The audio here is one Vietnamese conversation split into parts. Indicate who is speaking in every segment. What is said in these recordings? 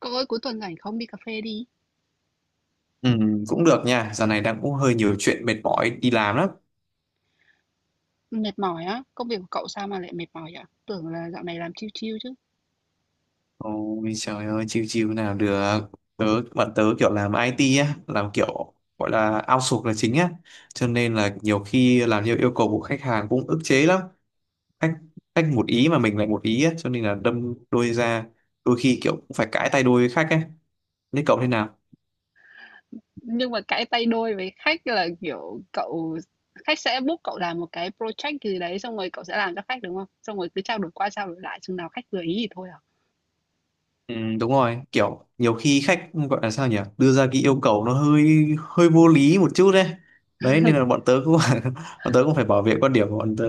Speaker 1: Cậu ơi, cuối tuần rảnh không? Đi cà phê đi.
Speaker 2: Ừ, cũng được nha, giờ này đang cũng hơi nhiều chuyện mệt mỏi đi làm lắm.
Speaker 1: Mệt mỏi á, công việc của cậu sao mà lại mệt mỏi vậy? Tưởng là dạo này làm chill chill chứ.
Speaker 2: Ôi trời ơi, chiêu chiêu nào được. Tớ, bạn tớ kiểu làm IT á, làm kiểu gọi là outsource là chính á. Cho nên là nhiều khi làm theo yêu cầu của khách hàng cũng ức chế lắm. Khách, khách một ý mà mình lại một ý á, cho nên là đâm đôi ra. Đôi khi kiểu cũng phải cãi tay đôi với khách ấy. Thế cậu thế nào?
Speaker 1: Nhưng mà cãi tay đôi với khách là kiểu cậu khách sẽ book cậu làm một cái project gì đấy xong rồi cậu sẽ làm cho khách đúng không? Xong rồi cứ trao đổi qua trao đổi lại chừng nào khách vừa ý thì thôi à.
Speaker 2: Ừ, đúng rồi, kiểu nhiều khi khách gọi là sao nhỉ, đưa ra cái yêu cầu nó hơi hơi vô lý một chút đấy, nên là bọn tớ cũng bọn tớ cũng phải bảo vệ quan điểm của bọn tớ.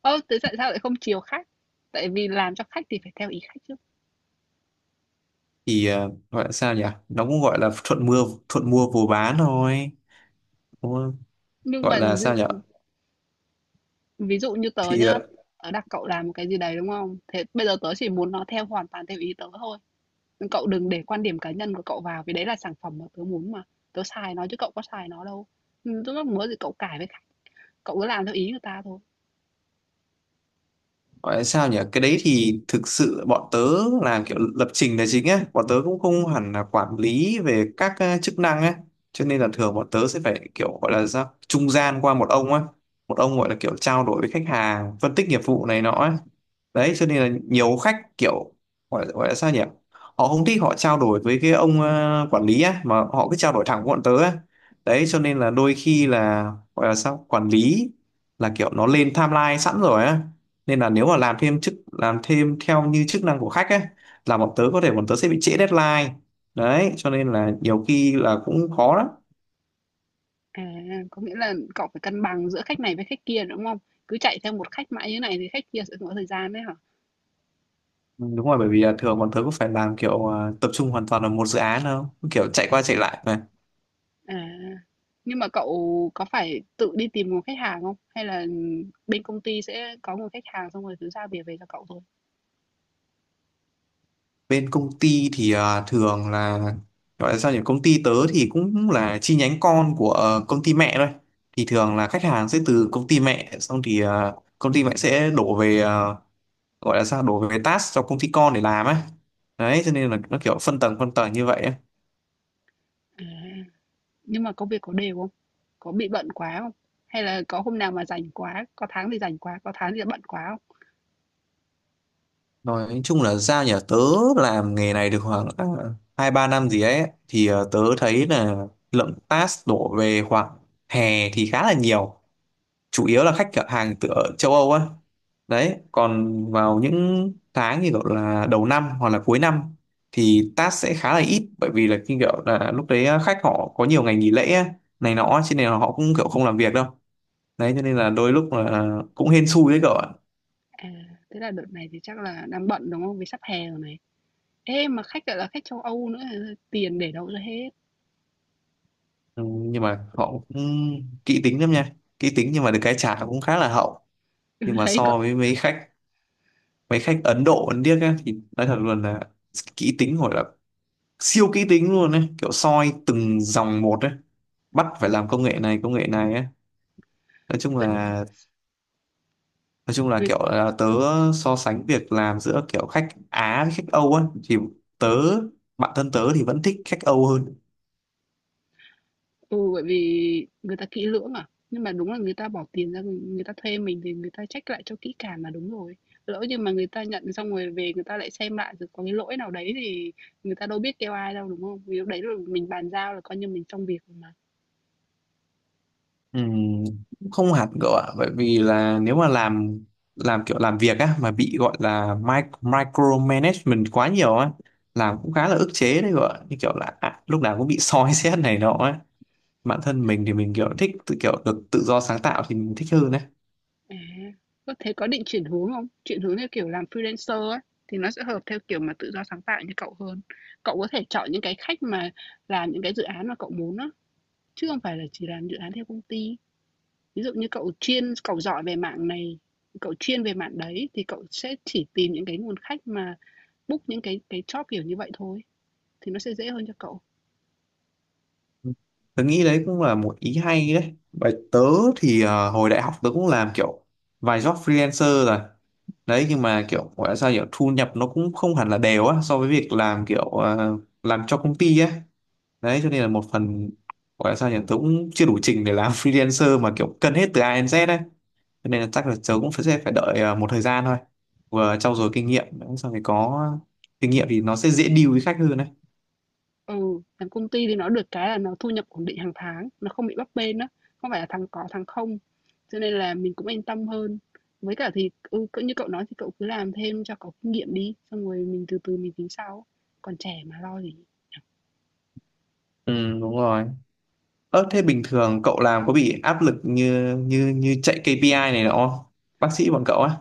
Speaker 1: Ơ, thế tại sao lại không chiều khách? Tại vì làm cho khách thì phải theo ý khách chứ.
Speaker 2: Gọi là sao nhỉ, nó cũng gọi là thuận mua vừa bán thôi. Đúng không?
Speaker 1: Nhưng
Speaker 2: Gọi
Speaker 1: mà
Speaker 2: là sao nhỉ.
Speaker 1: ví dụ như tớ
Speaker 2: thì
Speaker 1: nhá,
Speaker 2: ờ,
Speaker 1: tớ đặt cậu làm một cái gì đấy đúng không? Thế bây giờ tớ chỉ muốn nó hoàn toàn theo ý tớ thôi. Cậu đừng để quan điểm cá nhân của cậu vào, vì đấy là sản phẩm mà tớ muốn mà. Tớ xài nó chứ cậu có xài nó đâu. Lúc muốn thì cậu cải với khách, cậu cứ làm theo ý người ta thôi.
Speaker 2: Gọi là sao nhỉ? Cái đấy thì thực sự bọn tớ làm kiểu lập trình là chính á, bọn tớ cũng không hẳn là quản lý về các chức năng á, cho nên là thường bọn tớ sẽ phải kiểu gọi là sao trung gian qua một ông á, một ông gọi là kiểu trao đổi với khách hàng, phân tích nghiệp vụ này nọ á. Đấy, cho nên là nhiều khách kiểu gọi là sao nhỉ? Họ không thích họ trao đổi với cái ông quản lý á mà họ cứ trao đổi thẳng với bọn tớ á. Đấy, cho nên là đôi khi là gọi là sao? Quản lý là kiểu nó lên timeline sẵn rồi á, nên là nếu mà làm thêm chức làm thêm theo như chức năng của khách ấy là bọn tớ có thể bọn tớ sẽ bị trễ deadline, đấy cho nên là nhiều khi là cũng khó lắm.
Speaker 1: À, có nghĩa là cậu phải cân bằng giữa khách này với khách kia, đúng không? Cứ chạy theo một khách mãi như này thì khách kia sẽ không có thời gian đấy hả?
Speaker 2: Ừ, đúng rồi, bởi vì là thường bọn tớ cũng phải làm kiểu tập trung hoàn toàn vào một dự án đâu kiểu chạy qua chạy lại mà.
Speaker 1: À, nhưng mà cậu có phải tự đi tìm một khách hàng không? Hay là bên công ty sẽ có một khách hàng xong rồi cứ giao việc về cho cậu thôi?
Speaker 2: Bên công ty thì thường là gọi là sao nhỉ, công ty tớ thì cũng là chi nhánh con của công ty mẹ thôi, thì thường là khách hàng sẽ từ công ty mẹ, xong thì công ty mẹ sẽ đổ về gọi là sao đối với task cho công ty con để làm á, đấy cho nên là nó kiểu phân tầng như vậy á.
Speaker 1: À. Nhưng mà công việc có đều không? Có bị bận quá không? Hay là có hôm nào mà rảnh quá, có tháng thì rảnh quá, có tháng thì bận quá không?
Speaker 2: Nói chung là ra nhà tớ làm nghề này được khoảng 2-3 năm gì ấy, thì tớ thấy là lượng task đổ về khoảng hè thì khá là nhiều, chủ yếu là khách hàng từ ở châu Âu á. Đấy, còn vào những tháng như gọi là đầu năm hoặc là cuối năm thì task sẽ khá là ít, bởi vì là khi kiểu là lúc đấy khách họ có nhiều ngày nghỉ lễ á, này nọ cho nên là họ cũng kiểu không làm việc đâu, đấy cho nên là đôi lúc là cũng hên xui đấy cậu ạ.
Speaker 1: À, Thế là đợt này thì chắc là đang bận, đúng không? Vì sắp hè rồi này. Ê, mà khách lại là khách châu Âu nữa, tiền để đâu ra hết?
Speaker 2: Ừ, nhưng mà họ cũng kỹ tính lắm nha, kỹ tính nhưng mà được cái trả cũng khá là hậu.
Speaker 1: Ừ,
Speaker 2: Nhưng mà
Speaker 1: đấy, còn
Speaker 2: so với mấy khách Ấn Độ Ấn Điếc á, thì nói thật luôn là kỹ tính gọi là siêu kỹ tính luôn đấy, kiểu soi từng dòng một đấy, bắt phải làm công nghệ này ấy. Nói chung
Speaker 1: tại
Speaker 2: là
Speaker 1: vì
Speaker 2: kiểu là tớ so sánh việc làm giữa kiểu khách Á với khách Âu á, thì tớ bản thân tớ thì vẫn thích khách Âu hơn.
Speaker 1: Ừ, bởi vì người ta kỹ lưỡng à. Nhưng mà đúng là người ta bỏ tiền ra, người ta thuê mình thì người ta check lại cho kỹ càng là đúng rồi. Lỡ như mà người ta nhận xong rồi về người ta lại xem lại rồi có cái lỗi nào đấy thì người ta đâu biết kêu ai đâu đúng không? Vì lúc đấy là mình bàn giao là coi như mình xong việc rồi mà.
Speaker 2: Ừm, cũng không hẳn cậu ạ, bởi vì là nếu mà làm kiểu làm việc á mà bị gọi là micromanagement quá nhiều á, làm cũng khá là ức chế đấy cậu ạ, như kiểu là lúc nào cũng bị soi xét này nọ á. Bản thân mình thì mình kiểu thích tự kiểu được tự do sáng tạo thì mình thích hơn đấy.
Speaker 1: À, có thế có định chuyển hướng không? Chuyển hướng theo kiểu làm freelancer ấy thì nó sẽ hợp theo kiểu mà tự do sáng tạo như cậu hơn. Cậu có thể chọn những cái khách mà làm những cái dự án mà cậu muốn á, chứ không phải là chỉ làm dự án theo công ty. Ví dụ như cậu giỏi về mạng này, cậu chuyên về mạng đấy thì cậu sẽ chỉ tìm những cái nguồn khách mà book những cái job kiểu như vậy thôi, thì nó sẽ dễ hơn cho cậu.
Speaker 2: Tớ nghĩ đấy cũng là một ý hay đấy, bởi tớ thì hồi đại học tớ cũng làm kiểu vài job freelancer rồi, đấy nhưng mà kiểu gọi là sao kiểu thu nhập nó cũng không hẳn là đều á so với việc làm kiểu làm cho công ty á, đấy cho nên là một phần gọi là sao nhỉ, tớ cũng chưa đủ trình để làm freelancer mà kiểu cân hết từ A đến Z đấy, cho nên là chắc là tớ cũng sẽ phải đợi một thời gian thôi, vừa trau dồi kinh nghiệm sau thì có kinh nghiệm thì nó sẽ dễ deal với khách hơn đấy.
Speaker 1: Ừ, làm công ty thì nó được cái là nó thu nhập ổn định hàng tháng, nó không bị bấp bênh đó, không phải là thằng có thằng không. Cho nên là mình cũng yên tâm hơn. Với cả thì ừ, cỡ như cậu nói thì cậu cứ làm thêm cho có kinh nghiệm đi, xong rồi mình từ từ mình tính sau. Còn trẻ mà lo gì.
Speaker 2: Ừ, đúng rồi. Ơ thế bình thường cậu làm có bị áp lực như như như chạy KPI này nọ không, bác sĩ bọn cậu á?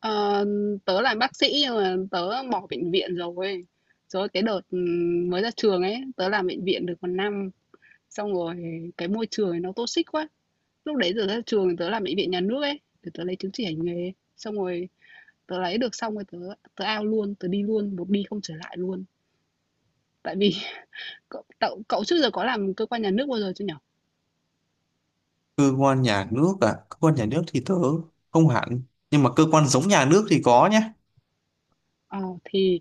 Speaker 1: Ờ, tớ là bác sĩ nhưng mà tớ bỏ bệnh viện rồi. Rồi cái đợt mới ra trường ấy, tớ làm bệnh viện được một năm, xong rồi cái môi trường ấy nó toxic quá. Lúc đấy giờ ra trường tớ làm bệnh viện nhà nước ấy, để tớ lấy chứng chỉ hành nghề. Xong rồi tớ lấy được xong rồi tớ tớ out luôn, tớ đi luôn, một đi không trở lại luôn. Tại vì cậu trước giờ có làm cơ quan nhà nước bao giờ chưa nhở?
Speaker 2: Cơ quan nhà nước à? Cơ quan nhà nước thì tớ không hẳn, nhưng mà cơ quan giống nhà nước thì có nhá.
Speaker 1: Ờ thì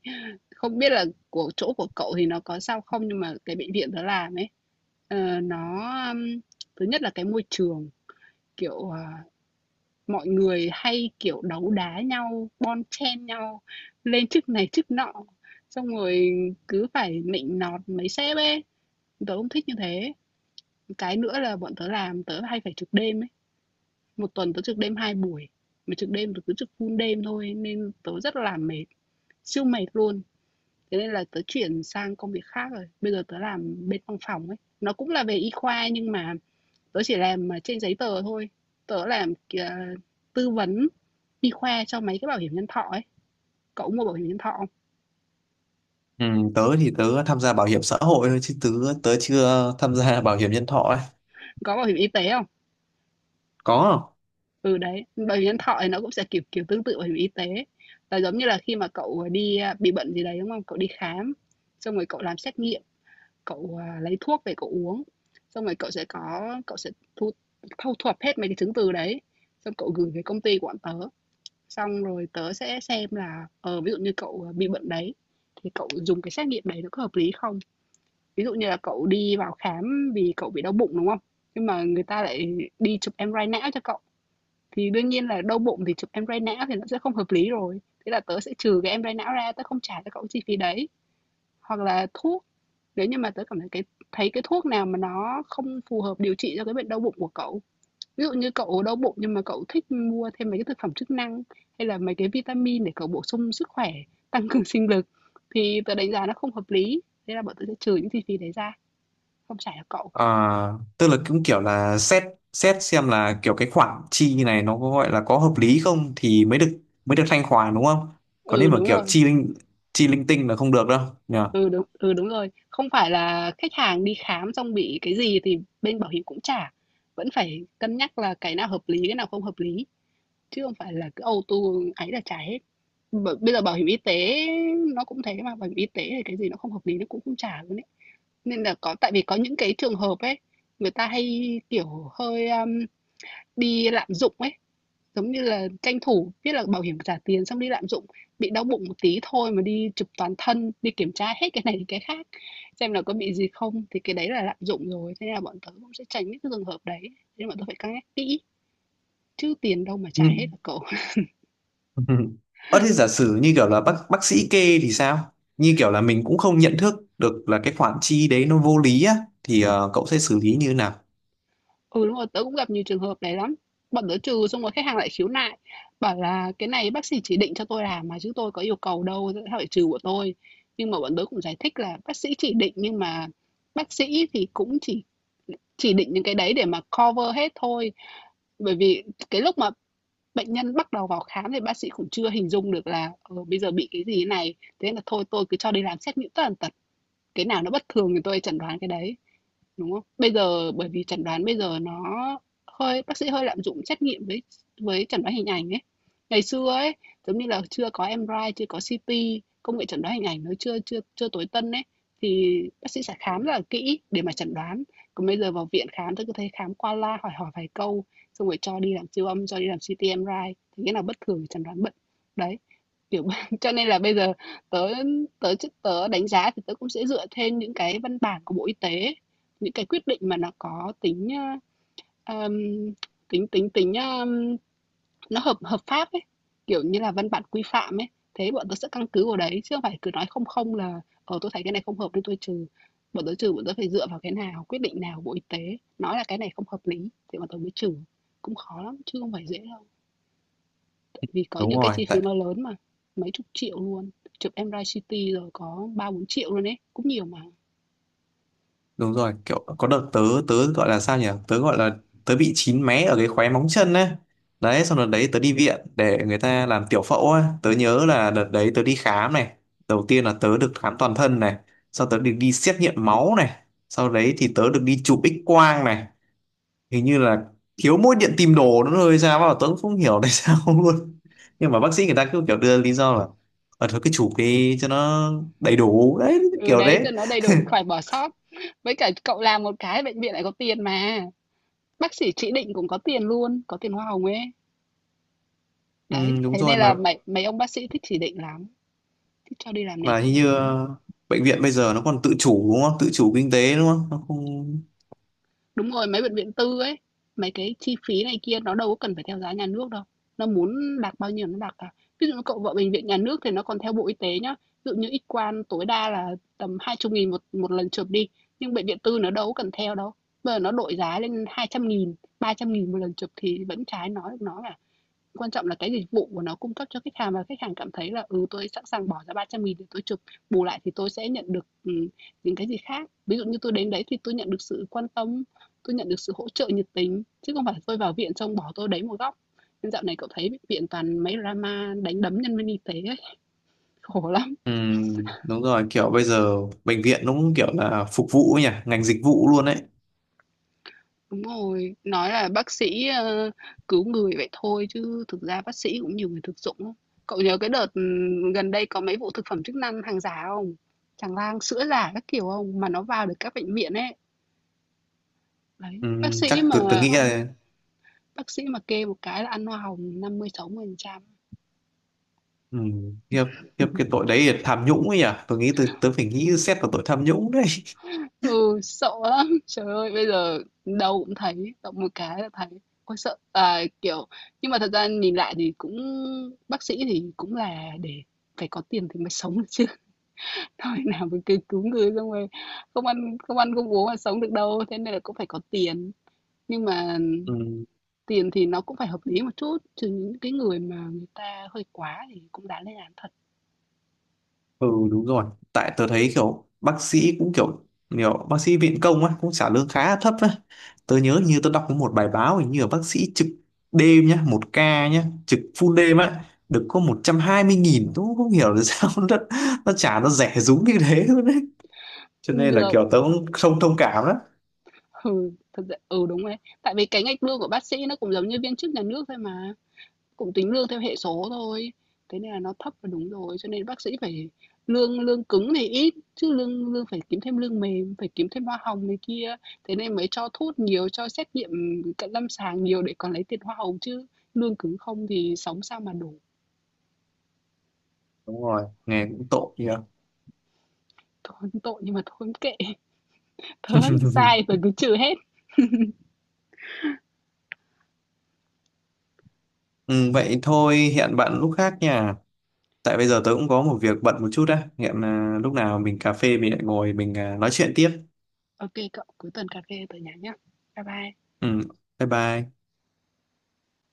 Speaker 1: không biết là của chỗ của cậu thì nó có sao không nhưng mà cái bệnh viện tớ làm ấy nó ừm, thứ nhất là cái môi trường. Kiểu, mọi người hay, kiểu, đấu đá nhau, bon chen nhau lên chức này chức nọ, xong rồi cứ phải nịnh nọt mấy sếp ấy, tớ không thích như thế. Cái nữa là bọn tớ làm tớ hay phải trực đêm ấy, một tuần tớ trực đêm 2 buổi, mà trực đêm tớ cứ trực full đêm thôi nên tớ rất là mệt, siêu mệt luôn. Thế nên là tớ chuyển sang công việc khác rồi, bây giờ tớ làm bên văn phòng ấy, nó cũng là về y khoa nhưng mà tớ chỉ làm, trên giấy tờ thôi, tớ làm kìa tư vấn y khoa cho mấy cái bảo hiểm nhân thọ ấy. Cậu có mua bảo hiểm nhân thọ không?
Speaker 2: Ừ, tớ thì tớ tham gia bảo hiểm xã hội thôi, chứ tớ tớ chưa tham gia bảo hiểm nhân thọ ấy.
Speaker 1: Có bảo hiểm y tế không?
Speaker 2: Có không?
Speaker 1: Ừ, đấy, bảo hiểm nhân thọ thì nó cũng sẽ kiểu kiểu tương tự bảo hiểm y tế, là giống như là khi mà cậu, đi, bị bệnh gì đấy, đúng không? Cậu đi khám, xong rồi cậu làm xét nghiệm, cậu, lấy thuốc về cậu uống, xong rồi cậu sẽ thu thuật hết mấy cái chứng từ đấy, xong cậu gửi về công ty của bọn tớ. Xong rồi tớ sẽ xem là, ví dụ như cậu bị bệnh đấy, thì cậu dùng cái xét nghiệm đấy nó có hợp lý không? Ví dụ như là cậu đi vào khám vì cậu bị đau bụng, đúng không? Nhưng mà người ta lại đi chụp em MRI não cho cậu, thì đương nhiên là đau bụng thì chụp em MRI não thì nó sẽ không hợp lý rồi. Thế là tớ sẽ trừ cái em MRI não ra, tớ không trả cho cậu chi phí đấy. Hoặc là thuốc, nếu như mà tớ cảm thấy cái thuốc nào mà nó không phù hợp điều trị cho cái bệnh đau bụng của cậu. Ví dụ như cậu đau bụng nhưng mà cậu thích mua thêm mấy cái thực phẩm chức năng, hay là mấy cái vitamin để cậu bổ sung sức khỏe, tăng cường sinh lực thì tớ đánh giá nó không hợp lý, thế là bọn tớ sẽ trừ những chi phí đấy ra, không trả cho cậu.
Speaker 2: À, tức là cũng kiểu là xét xét xem là kiểu cái khoản chi này nó có gọi là có hợp lý không thì mới được thanh khoản đúng không? Còn nếu
Speaker 1: Ừ,
Speaker 2: mà
Speaker 1: đúng
Speaker 2: kiểu
Speaker 1: rồi.
Speaker 2: chi linh tinh là không được đâu nhỉ.
Speaker 1: Đúng rồi. Không phải là khách hàng đi khám xong bị cái gì thì bên bảo hiểm cũng trả. Vẫn phải cân nhắc là cái nào hợp lý, cái nào không hợp lý, chứ không phải là cứ auto ấy là trả hết. Bây giờ bảo hiểm y tế nó cũng thế mà, bảo hiểm y tế thì cái gì nó không hợp lý nó cũng không trả luôn ấy. Nên là có tại vì có những cái trường hợp ấy, người ta hay, kiểu, hơi, bị lạm dụng ấy, giống như là tranh thủ biết là bảo hiểm trả tiền xong đi lạm dụng, bị đau bụng một tí thôi mà đi chụp toàn thân, đi kiểm tra hết cái này đến cái khác xem là có bị gì không, thì cái đấy là lạm dụng rồi. Thế nên là bọn tớ cũng sẽ tránh những cái trường hợp đấy, nên bọn tớ phải cân nhắc kỹ, chứ tiền đâu mà
Speaker 2: Ừ.
Speaker 1: trả hết hả cậu?
Speaker 2: Ờ thế giả sử như kiểu là bác sĩ kê thì sao? Như kiểu là mình cũng không nhận thức được là cái khoản chi đấy nó vô lý á, thì cậu sẽ xử lý như thế nào?
Speaker 1: Ừ, đúng rồi, tớ cũng gặp nhiều trường hợp này lắm. Bọn tớ trừ xong rồi khách hàng lại khiếu nại, bảo là "Cái này bác sĩ chỉ định cho tôi làm mà chứ tôi có yêu cầu đâu, tại sao phải trừ của tôi?" Nhưng mà bọn tớ cũng giải thích là bác sĩ chỉ định nhưng mà bác sĩ thì cũng chỉ định những cái đấy để mà cover hết thôi. Bởi vì cái lúc mà bệnh nhân bắt đầu vào khám thì bác sĩ cũng chưa hình dung được là, bây giờ bị cái gì thế này, thế là thôi tôi cứ cho đi làm xét nghiệm tất tần tật, cái nào nó bất thường thì tôi chẩn đoán cái đấy đúng không? Bây giờ bởi vì chẩn đoán bây giờ nó hơi bác sĩ hơi lạm dụng trách nhiệm với chẩn đoán hình ảnh ấy. Ngày xưa ấy, giống như là chưa có MRI, chưa có CT, công nghệ chẩn đoán hình ảnh nó chưa chưa chưa tối tân ấy thì bác sĩ sẽ khám rất là kỹ để mà chẩn đoán. Còn bây giờ vào viện khám tôi cứ thấy khám qua la hỏi hỏi vài câu xong rồi cho đi làm siêu âm, cho đi làm CT MRI thì cái nào bất thường thì chẩn đoán bệnh. Đấy. Kiểu cho nên là bây giờ tớ tớ tớ đánh giá thì tớ cũng sẽ dựa trên những cái văn bản của Bộ Y tế, những cái quyết định mà nó có tính, ơ, tính tính tính, nó hợp hợp pháp ấy, kiểu như là văn bản quy phạm ấy. Thế bọn tôi sẽ căn cứ vào đấy chứ không phải cứ nói không không là: "Ờ, tôi thấy cái này không hợp nên tôi trừ." Bọn tôi trừ, bọn tôi phải dựa vào cái nào, quyết định nào của Bộ Y tế nói là cái này không hợp lý thì bọn tôi mới trừ, cũng khó lắm chứ không phải dễ đâu. Vì có
Speaker 2: Đúng
Speaker 1: những cái
Speaker 2: rồi,
Speaker 1: chi phí
Speaker 2: tại
Speaker 1: nó lớn mà, mấy chục triệu luôn, chụp MRI, CT rồi có 3.000.000-4.000.000 luôn ấy, cũng nhiều mà.
Speaker 2: đúng rồi kiểu có đợt tớ tớ gọi là sao nhỉ, tớ gọi là tớ bị chín mé ở cái khóe móng chân ấy, đấy xong đợt đấy tớ đi viện để người ta làm tiểu phẫu ấy, tớ nhớ là đợt đấy tớ đi khám này, đầu tiên là tớ được khám toàn thân này, sau tớ được đi xét nghiệm máu này, sau đấy thì tớ được đi chụp X quang này, hình như là thiếu mỗi điện tìm đồ nữa rồi sao mà tớ cũng không hiểu tại sao luôn, nhưng mà bác sĩ người ta cứ kiểu đưa lý do là thôi cứ chụp đi cho nó đầy đủ, đấy
Speaker 1: Ừ,
Speaker 2: kiểu
Speaker 1: đấy,
Speaker 2: đấy.
Speaker 1: cho nó đầy đủ, khỏi bỏ sót. Với cả cậu làm một cái bệnh viện lại có tiền mà. Bác sĩ chỉ định cũng có tiền luôn, có tiền hoa hồng ấy.
Speaker 2: Ừ,
Speaker 1: Đấy,
Speaker 2: đúng
Speaker 1: thế
Speaker 2: rồi,
Speaker 1: nên là
Speaker 2: mà
Speaker 1: mấy mấy ông bác sĩ thích chỉ định lắm, thích cho đi làm này
Speaker 2: mà hình
Speaker 1: kia.
Speaker 2: như bệnh viện bây giờ nó còn tự chủ đúng không, tự chủ kinh tế đúng không, nó không.
Speaker 1: Đúng rồi, mấy bệnh viện tư ấy, mấy cái chi phí này kia nó đâu có cần phải theo giá nhà nước đâu. Nó muốn đạt bao nhiêu nó đạt cả. Ví dụ như cậu vợ bệnh viện nhà nước thì nó còn theo Bộ Y tế nhá. Ví dụ như X quang tối đa là tầm 20 nghìn một một lần chụp đi, nhưng bệnh viện tư nó đâu có cần theo đâu. Bây giờ nó đội giá lên 200.000, 300.000 một lần chụp thì vẫn trái nói nó là. Quan trọng là cái dịch vụ của nó cung cấp cho khách hàng, và khách hàng cảm thấy là, ừ, tôi sẵn sàng bỏ ra 300.000 để tôi chụp, bù lại thì tôi sẽ nhận được những cái gì khác. Ví dụ như tôi đến đấy thì tôi nhận được sự quan tâm, tôi nhận được sự hỗ trợ nhiệt tình, chứ không phải tôi vào viện xong bỏ tôi đấy một góc. Nên dạo này cậu thấy viện toàn mấy drama đánh đấm nhân viên y tế ấy, khổ lắm.
Speaker 2: Ừ, đúng rồi, kiểu bây giờ bệnh viện nó cũng kiểu là phục vụ ấy nhỉ, ngành dịch vụ luôn đấy.
Speaker 1: Đúng rồi, nói là bác sĩ cứu người vậy thôi chứ thực ra bác sĩ cũng nhiều người thực dụng lắm. Cậu nhớ cái đợt gần đây có mấy vụ thực phẩm chức năng hàng giả không? Tràn lan sữa giả các kiểu không? Mà nó vào được các bệnh viện ấy. Đấy,
Speaker 2: Ừ, chắc tôi nghĩ là.
Speaker 1: bác sĩ mà kê một cái là ăn hoa hồng năm mươi mươi sáu phần trăm.
Speaker 2: Ừ, khiếp khiếp cái tội đấy là tham nhũng ấy nhỉ, tôi nghĩ tôi phải nghĩ xét vào tội tham nhũng đấy.
Speaker 1: Ừ, sợ lắm. Trời ơi, bây giờ đâu cũng thấy, động một cái là thấy. Ôi sợ, à, kiểu nhưng mà thật ra nhìn lại thì cũng bác sĩ thì cũng là để phải có tiền thì mới sống được chứ. Thôi nào mà cứ cứu người xong rồi không ăn không uống mà sống được đâu, thế nên là cũng phải có tiền. Nhưng mà
Speaker 2: Ừ.
Speaker 1: tiền thì nó cũng phải hợp lý một chút, chứ những cái người mà người ta hơi quá thì cũng đáng lên án thật.
Speaker 2: Ừ, đúng rồi. Tại tớ thấy kiểu bác sĩ cũng kiểu nhiều bác sĩ viện công á cũng trả lương khá là thấp á. Tớ nhớ như tớ đọc có một bài báo, hình như là bác sĩ trực đêm nhá, một ca nhá trực full đêm á, được có 120.000. Tớ cũng không hiểu là sao nó trả nó rẻ rúng như thế luôn đấy, cho nên là
Speaker 1: Được,
Speaker 2: kiểu tớ
Speaker 1: ừ,
Speaker 2: cũng không thông cảm đó.
Speaker 1: ừ, thật ra ừ, đúng đấy. Tại vì cái ngạch lương của bác sĩ nó cũng giống như viên chức nhà nước thôi mà, cũng tính lương theo hệ số thôi. Thế nên là nó thấp là đúng rồi, cho nên bác sĩ phải lương lương cứng thì ít, chứ lương lương phải kiếm thêm lương mềm, phải kiếm thêm hoa hồng này kia, thế nên mới cho thuốc nhiều, cho xét nghiệm cận lâm sàng nhiều để còn lấy tiền hoa hồng chứ. Lương cứng không thì sống sao mà đủ.
Speaker 2: Đúng rồi, nghe cũng tội nhỉ.
Speaker 1: Thôi tội nhưng mà thôi kệ, tớ sai tớ cứ trừ hết.
Speaker 2: Ừ, vậy thôi hẹn bạn lúc khác nha, tại bây giờ tớ
Speaker 1: Ok,
Speaker 2: cũng có một việc bận một chút á. Hẹn lúc nào mình cà phê mình lại ngồi mình nói chuyện tiếp.
Speaker 1: ok cậu, cuối tuần cà phê tớ nhắn nhá. Bye bye.
Speaker 2: Ừ, bye bye.